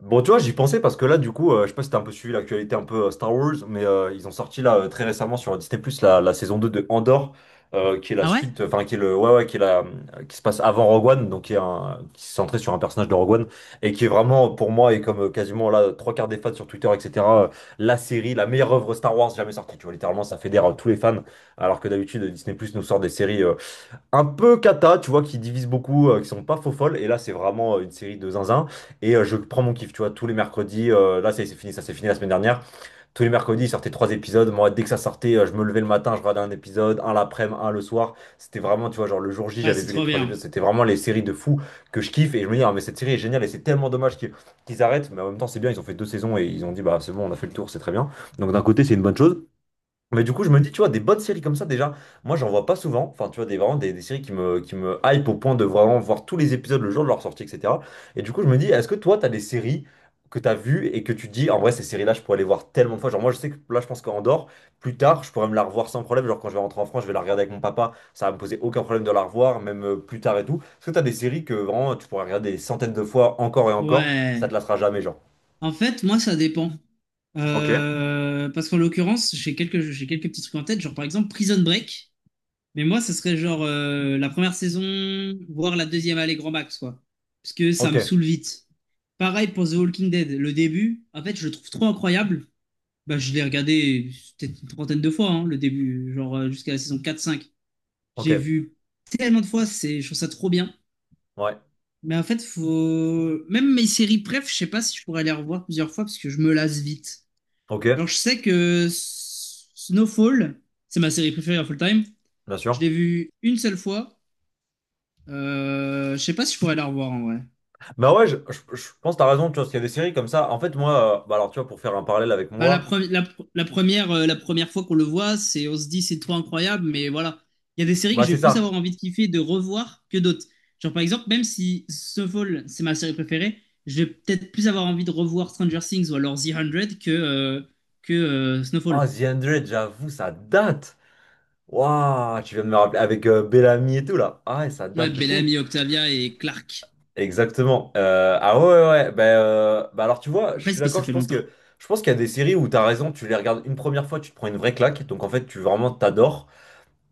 Bon, tu vois, j'y pensais parce que là, du coup, je sais pas si t'as un peu suivi l'actualité un peu Star Wars, mais ils ont sorti là très récemment sur Disney+, la saison 2 de Andor, qui est la Ah ouais? suite, enfin, qui est le, ouais, ouais, qui est la, qui se passe avant Rogue One, donc qui est un, qui se centré sur un personnage de Rogue One, et qui est vraiment, pour moi, et comme quasiment là, trois quarts des fans sur Twitter, etc., la série, la meilleure œuvre Star Wars jamais sortie, tu vois, littéralement, ça fédère tous les fans, alors que d'habitude, Disney+, nous sort des séries un peu cata, tu vois, qui divise beaucoup, qui sont pas faux folles. Et là, c'est vraiment une série de zinzin. Et je prends mon kiff, tu vois, tous les mercredis. Là, ça c'est fini, ça s'est fini la semaine dernière. Tous les mercredis, ils sortaient trois épisodes. Moi, dès que ça sortait, je me levais le matin, je regardais un épisode, un l'après-midi, un le soir. C'était vraiment, tu vois, genre le jour J, Ouais, j'avais c'est vu les trop trois bien. épisodes. C'était vraiment les séries de fous que je kiffe. Et je me dis, ah, mais cette série est géniale et c'est tellement dommage qu'ils arrêtent. Mais en même temps, c'est bien, ils ont fait deux saisons et ils ont dit, bah, c'est bon, on a fait le tour, c'est très bien. Donc d'un côté, c'est une bonne chose. Mais du coup, je me dis, tu vois, des bonnes séries comme ça, déjà, moi, j'en vois pas souvent. Enfin, tu vois, des, vraiment des séries qui me hype au point de vraiment voir tous les épisodes le jour de leur sortie, etc. Et du coup, je me dis, est-ce que toi, t'as des séries que t'as vues et que tu te dis, en vrai, ces séries-là, je pourrais les voir tellement de fois. Genre, moi, je sais que là, je pense qu'en dehors, plus tard, je pourrais me la revoir sans problème. Genre, quand je vais rentrer en France, je vais la regarder avec mon papa. Ça va me poser aucun problème de la revoir, même plus tard et tout. Est-ce que t'as des séries que vraiment, tu pourrais regarder des centaines de fois encore et encore, ça te Ouais. lassera jamais, genre? En fait, moi, ça dépend. Ok. Parce qu'en l'occurrence, j'ai quelques petits trucs en tête, genre par exemple Prison Break. Mais moi, ça serait genre la première saison, voire la deuxième, allez, grand max, quoi. Parce que ça Ok, me saoule vite. Pareil pour The Walking Dead. Le début, en fait, je le trouve trop incroyable. Bah, je l'ai regardé peut-être une trentaine de fois, hein, le début, genre jusqu'à la saison 4-5. J'ai ok, vu tellement de fois, c'est, je trouve ça trop bien. ouais, Mais en fait, faut... Même mes séries préf, je sais pas si je pourrais les revoir plusieurs fois parce que je me lasse vite. Genre, ok, je sais que Snowfall, c'est ma série préférée of all time. bien Je l'ai sûr. vue une seule fois. Je sais pas si je pourrais la revoir en vrai. Bah ouais, je pense que t'as raison, tu vois, parce qu'il y a des séries comme ça. En fait, moi, bah alors tu vois, pour faire un parallèle avec Bah, la, moi, pre- la, pr- la première fois qu'on le voit, c'est on se dit c'est trop incroyable, mais voilà. Il y a des séries que bah je c'est vais plus ça. avoir envie de kiffer, de revoir que d'autres. Genre par exemple, même si Snowfall, c'est ma série préférée, je vais peut-être plus avoir envie de revoir Stranger Things ou alors The 100 que Ah, Snowfall. The 100, j'avoue, ça date. Waouh, tu viens de me rappeler avec Bellamy et tout là. Ah ouais, ça Ouais, date de fou. Bellamy, Octavia et Clark. Exactement. Ah ouais, ouais, ouais. Bah, bah alors tu vois, je Après, suis c'est parce que d'accord, ça je fait pense longtemps. que je pense qu'il y a des séries où t'as raison, tu les regardes une première fois, tu te prends une vraie claque, donc en fait, tu vraiment t'adores.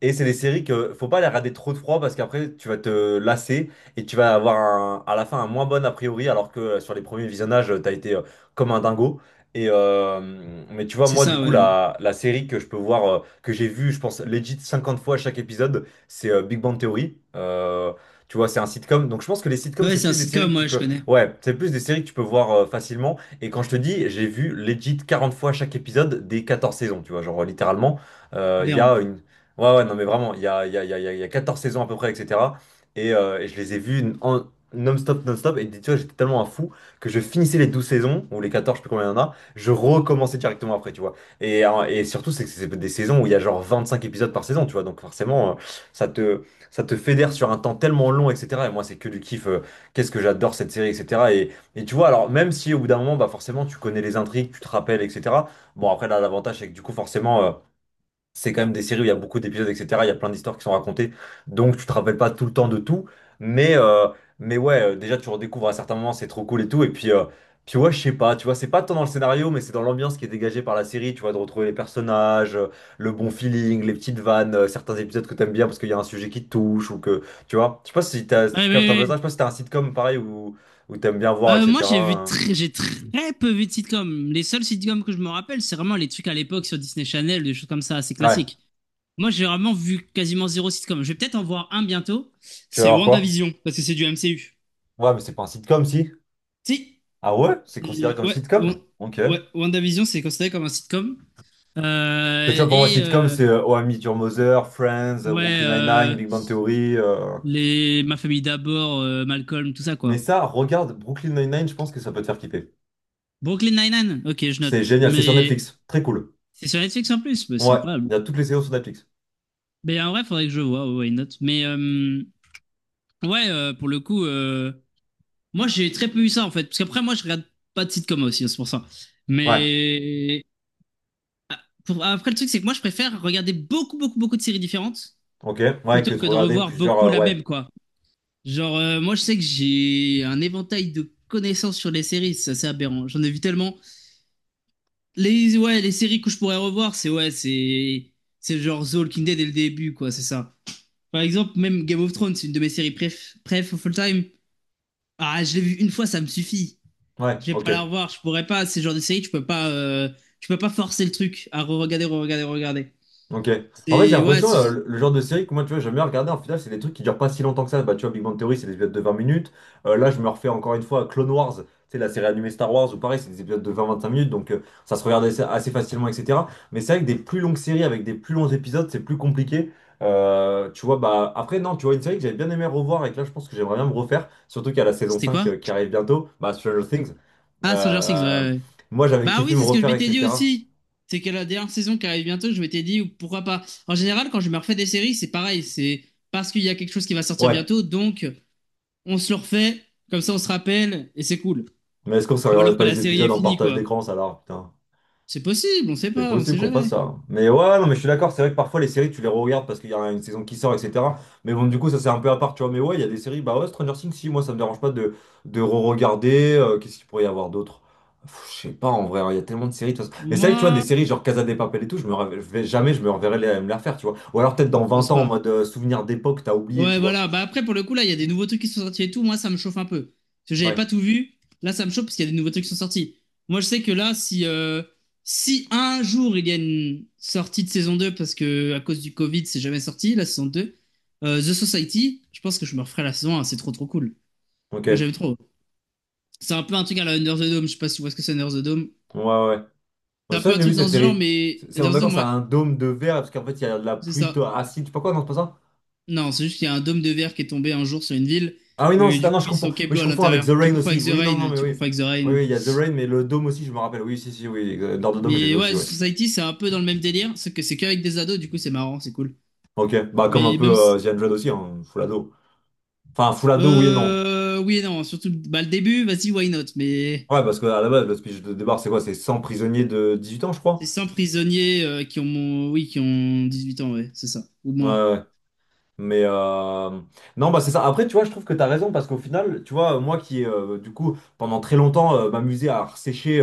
Et c'est des séries que faut pas les regarder trop de froid parce qu'après tu vas te lasser et tu vas avoir à la fin un moins bon a priori alors que sur les premiers visionnages t'as été comme un dingo. Et mais tu vois C'est moi du ça, coup ouais. la série que je peux voir que j'ai vue je pense legit 50 fois chaque épisode c'est Big Bang Theory. Tu vois c'est un sitcom donc je pense que les sitcoms Ouais, c'est c'est un plus des séries sitcom, que tu ouais, je peux connais. ouais c'est plus des séries que tu peux voir facilement et quand je te dis j'ai vu legit 40 fois chaque épisode des 14 saisons tu vois genre littéralement il y a Aberrant. une Ouais, ouais, non, mais vraiment, il y a, il y a, il y a, il y a il y a 14 saisons à peu près, etc. Et je les ai vues en non-stop, non-stop. Et tu vois, j'étais tellement un fou que je finissais les 12 saisons, ou les 14 je sais plus combien il y en a, je recommençais directement après, tu vois. Et surtout, c'est que c'est des saisons où il y a genre 25 épisodes par saison, tu vois. Donc forcément, ça te, ça te fédère sur un temps tellement long, etc. Et moi, c'est que du kiff. Qu'est-ce que j'adore cette série, etc. Et tu vois, alors, même si au bout d'un moment, bah forcément, tu connais les intrigues, tu te rappelles, etc. Bon, après, là, l'avantage, c'est que du coup, forcément. C'est quand même des séries où il y a beaucoup d'épisodes, etc. Il y a plein d'histoires qui sont racontées, donc tu te rappelles pas tout le temps de tout. Mais, euh, mais ouais, déjà tu redécouvres à certains moments, c'est trop cool et tout. Et puis ouais, je sais pas, tu vois, c'est pas tant dans le scénario, mais c'est dans l'ambiance qui est dégagée par la série, tu vois, de retrouver les personnages, le bon feeling, les petites vannes, certains épisodes que t'aimes bien parce qu'il y a un sujet qui te touche ou que, tu vois. Je sais pas si t'as, si tu Ouais, captes un oui, peu ça, je oui. sais pas si t'as un sitcom pareil où t'aimes bien voir, Moi, etc. J'ai très peu vu de sitcoms. Les seuls sitcoms que je me rappelle, c'est vraiment les trucs à l'époque sur Disney Channel, des choses comme ça, c'est Ouais, classique. Moi, j'ai vraiment vu quasiment zéro sitcom. Je vais peut-être en voir un bientôt. tu vas C'est voir quoi? WandaVision, parce que c'est du MCU. Ouais, mais c'est pas un sitcom si. Si, Ah ouais? C'est considéré comme ouais, sitcom? Ok. ouais, WandaVision, c'est considéré comme un sitcom. Tu Euh, vois, pour moi, et sitcom, euh, c'est Oh, I Met Your Mother, Friends, ouais, Brooklyn Nine-Nine, euh, Big Bang Theory. les Ma famille d'abord, Malcolm, tout ça Mais quoi. ça, regarde Brooklyn Nine-Nine, je pense que ça peut te faire kiffer. Brooklyn Nine-Nine, ok, je C'est note. génial, c'est sur Mais Netflix. Très cool. c'est sur Netflix en plus, mais c'est Ouais, incroyable. il y a toutes les séries sur Netflix. Mais en vrai, faudrait que je vois, ouais, why not. Mais ouais, pour le coup, moi j'ai très peu eu ça en fait. Parce qu'après, moi je regarde pas de sitcom aussi, hein, c'est pour ça. Ouais, Mais après, le truc, c'est que moi je préfère regarder beaucoup, beaucoup, beaucoup de séries différentes ok. Ouais, plutôt que tu que de regardais revoir plusieurs. beaucoup la Ouais, même, quoi. Genre, moi je sais que j'ai un éventail de connaissances sur les séries, c'est assez aberrant. J'en ai vu tellement. Les séries que je pourrais revoir, c'est ouais, c'est genre The Walking Dead dès le début, quoi, c'est ça. Par exemple, même Game of Thrones, c'est une de mes séries préf of all time. Ah, je l'ai vu une fois, ça me suffit. ouais, Je vais ok. pas la revoir, je pourrais pas. C'est le genre de série, tu peux pas forcer le truc à re-regarder, re-regarder, re-regarder. Ok. En fait, j'ai C'est ouais, l'impression, c'est- le genre de série que moi, tu vois, j'aime bien regarder, en final, c'est des trucs qui durent pas si longtemps que ça. Bah, tu vois, Big Bang Theory, c'est des épisodes de 20 minutes. Là, je me refais encore une fois Clone Wars, tu sais, la série animée Star Wars, ou pareil, c'est des épisodes de vingt-vingt-cinq minutes, donc ça se regarde assez facilement, etc. Mais c'est vrai que des plus longues séries avec des plus longs épisodes, c'est plus compliqué. Tu vois, bah, après, non, tu vois, une série que j'avais bien aimé revoir et que là, je pense que j'aimerais bien me refaire, surtout qu'il y a la saison c'était 5 quoi? Qui arrive bientôt, bah, Stranger De- Things. Ah, Stranger Things, ouais, Euh, ouais. Moi, j'avais Bah kiffé oui, me c'est ce que je refaire, m'étais dit etc. aussi. C'est qu'à la dernière saison qui arrive bientôt, je m'étais dit pourquoi pas. En général, quand je me refais des séries, c'est pareil. C'est parce qu'il y a quelque chose qui va sortir Ouais, bientôt, donc on se le refait. Comme ça, on se rappelle et c'est cool. mais est-ce qu'on se Ou alors regardait que pas la les série est épisodes en finie, partage quoi. d'écran, ça là, putain. C'est possible, on sait C'est pas, on possible sait qu'on fasse jamais. ça. Hein. Mais ouais, non, mais je suis d'accord, c'est vrai que parfois les séries, tu les regardes parce qu'il y a une saison qui sort, etc. Mais bon, du coup, ça c'est un peu à part, tu vois. Mais ouais, il y a des séries, bah ouais, Stranger Things, si, moi ça me dérange pas de re-regarder. Qu'est-ce qu'il pourrait y avoir d'autre? Pff, je sais pas, en vrai, hein, il y a tellement de séries, de toute façon. Mais c'est vrai que tu vois, des Moi, séries genre Casa de Papel et tout, je vais jamais, je me reverrai les, me les refaire, tu vois. Ou alors peut-être dans je 20 pense ans, en pas. mode souvenir d'époque, t'as oublié, tu Ouais, vois. voilà. Bah après, pour le coup, là, il y a des nouveaux trucs qui sont sortis et tout. Moi, ça me chauffe un peu. Parce que j'avais Ouais, pas tout vu. Là, ça me chauffe parce qu'il y a des nouveaux trucs qui sont sortis. Moi, je sais que là, si, un jour il y a une sortie de saison 2 parce que à cause du Covid, c'est jamais sorti, la saison 2 The Society, je pense que je me referai la saison 1. C'est trop, trop cool. Moi, ok. j'aime trop. C'est un peu un truc à la Under the Dome. Je sais pas si tu vois ce que c'est Under the Dome. Ouais, ouais. C'est Ouais, un ça, peu je un l'ai vu truc dans cette ce genre, série. mais On est Under the d'accord, Dome, ça ouais, a un dôme de verre parce qu'en fait, il y a de la c'est pluie ça. Acide. Je sais pas quoi, non, c'est pas ça? Non, c'est juste qu'il y a un dôme de verre qui est tombé un jour sur une ville. Ah oui, non, Et c'est ah, du non, coup, je ils confonds. sont Oui, Keblo je à confonds avec l'intérieur. The Tu Rain confonds avec aussi. The Oui, non, non, Rain. mais Tu confonds oui. avec The Oui, Rain. oui, il y a The Rain, mais le dôme aussi, je me rappelle. Oui, si, si, oui. Dans le dôme, j'ai vu Mais ouais, aussi, The oui. Society, c'est un peu dans le même délire. C'est que c'est qu'avec des ados. Du coup, c'est marrant. C'est cool. Ok, bah comme un Mais peu même si. The 100 aussi, hein, full ado. Enfin, full ado, oui et non. Oui et non. Surtout bah, le début, vas-y, why not? Mais Ouais, parce que à la base, le speech de départ, c'est quoi? C'est 100 prisonniers de 18 ans, je c'est crois. 100 prisonniers oui, qui ont 18 ans, ouais. C'est ça. Ou Ouais, moins. ouais. Mais non, bah c'est ça. Après, tu vois, je trouve que tu as raison parce qu'au final, tu vois, moi qui, du coup, pendant très longtemps, m'amusais à sécher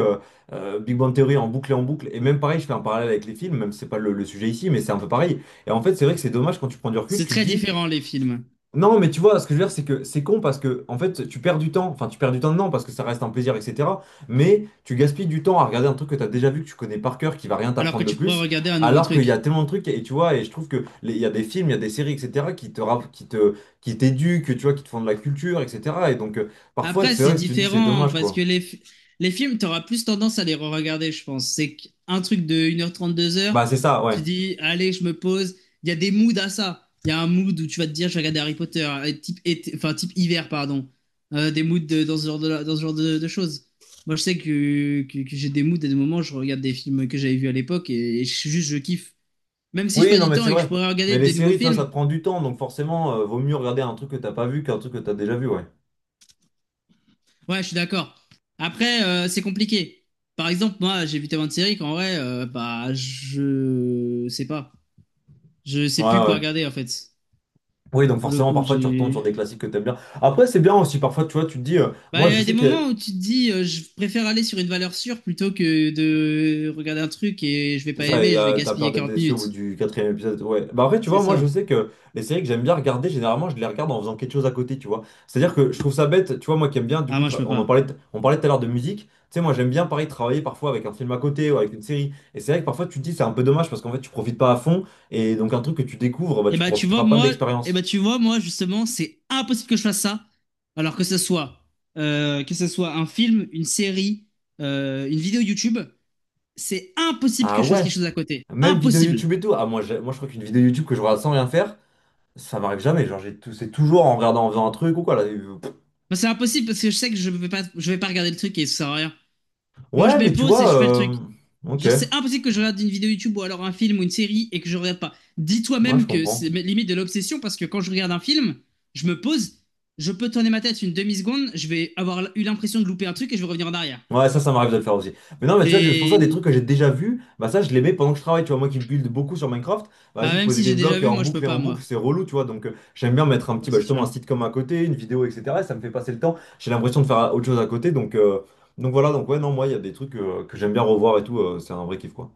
Big Bang Theory en boucle, et même pareil, je fais un parallèle avec les films, même si c'est pas le sujet ici, mais c'est un peu pareil. Et en fait, c'est vrai que c'est dommage quand tu prends du recul, C'est tu te très dis. différent, les films. Non, mais tu vois, ce que je veux dire, c'est que c'est con parce que, en fait, tu perds du temps. Enfin, tu perds du temps, non, parce que ça reste un plaisir, etc. Mais tu gaspilles du temps à regarder un truc que tu as déjà vu, que tu connais par cœur, qui va rien Alors t'apprendre que de tu pourrais plus, regarder un nouveau alors qu'il y a truc. tellement de trucs, et tu vois, et je trouve que il y a des films, il y a des séries, etc., qui te, rapp- qui te, qui t'éduquent, tu vois, qui te font de la culture, etc. Et donc, parfois, Après, c'est vrai c'est que si tu te dis, c'est différent dommage, parce quoi. que les films, tu auras plus tendance à les re-regarder, je pense. C'est qu'un truc de 1h30, 2h, Bah, c'est ça, ouais. tu dis, allez, je me pose. Il y a des moods à ça. Il y a un mood où tu vas te dire, je vais regarder Harry Potter, type, enfin, type hiver, pardon. Des moods dans ce genre de, dans ce genre de choses. Moi, je sais que j'ai des moods et des moments, où je regarde des films que j'avais vus à l'époque et juste, je kiffe. Même si je Oui, perds non, du mais temps c'est et que je vrai. pourrais Mais regarder les des nouveaux séries, tu vois, ça te films. prend du temps, donc forcément, vaut mieux regarder un truc que t'as pas vu qu'un truc que t'as déjà vu, ouais. Ouais, je suis d'accord. Après, c'est compliqué. Par exemple, moi, j'ai vu tellement de séries qu'en vrai, bah, je sais pas. Je sais Ouais, plus quoi ouais. regarder, en fait. Oui, donc Pour le forcément, coup, parfois, tu retombes sur j'ai. des classiques que t'aimes bien. Après, c'est bien aussi, parfois, tu vois, tu te dis, Bah, moi, il y je a des sais moments que. où tu te dis, je préfère aller sur une valeur sûre plutôt que de regarder un truc et je vais C'est pas ça, et, aimer, je vais t'as peur gaspiller d'être 40 déçu au bout minutes. du quatrième épisode. Ouais. Bah après, tu C'est vois, moi, je ça. sais que les séries que j'aime bien regarder, généralement, je les regarde en faisant quelque chose à côté, tu vois. C'est-à-dire que je trouve ça bête, tu vois, moi qui aime bien, du Ah, coup, moi, je peux on en pas. parlait, on parlait tout à l'heure de musique. Tu sais, moi, j'aime bien, pareil, travailler parfois avec un film à côté ou avec une série. Et c'est vrai que parfois, tu te dis, c'est un peu dommage parce qu'en fait, tu profites pas à fond. Et donc, un truc que tu découvres, bah, Et tu bah, tu vois, profiteras pas de moi, et bah, l'expérience. tu vois, moi, justement, c'est impossible que je fasse ça. Alors que ce soit un film, une série, une vidéo YouTube. C'est impossible que Ah je fasse quelque ouais, chose à côté. même vidéo Impossible. YouTube et tout. Ah, moi, moi, je crois qu'une vidéo YouTube que je regarde sans rien faire. Ça m'arrive jamais, genre c'est toujours en regardant, en faisant un truc ou quoi là. Pff. Bah, c'est impossible parce que je sais que je vais pas regarder le truc et ça sert à rien. Moi, je Ouais, mets mais tu pause et vois, je fais le truc. Ok, Genre, c'est impossible que je regarde une vidéo YouTube ou alors un film ou une série et que je regarde pas. Dis-toi ouais, je même que c'est comprends. limite de l'obsession parce que quand je regarde un film, je me pose, je peux tourner ma tête une demi-seconde, je vais avoir eu l'impression de louper un truc et je vais revenir en arrière. Ouais, ça m'arrive de le faire aussi. Mais non, mais tu vois, c'est pour ça des trucs Et que j'ai déjà vus, bah ça, je les mets pendant que je travaille. Tu vois, moi qui build beaucoup sur Minecraft, bah, bah, vas-y, même poser si des j'ai déjà blocs vu, en moi, je boucle peux et en pas, boucle, moi. c'est relou, tu vois. Donc, j'aime bien mettre un petit, Ouais, bah, c'est justement, un sûr. sitcom à côté, une vidéo, etc. et ça me fait passer le temps. J'ai l'impression de faire autre chose à côté, donc voilà. Donc, ouais, non, moi, il y a des trucs que j'aime bien revoir et tout, c'est un vrai kiff, quoi.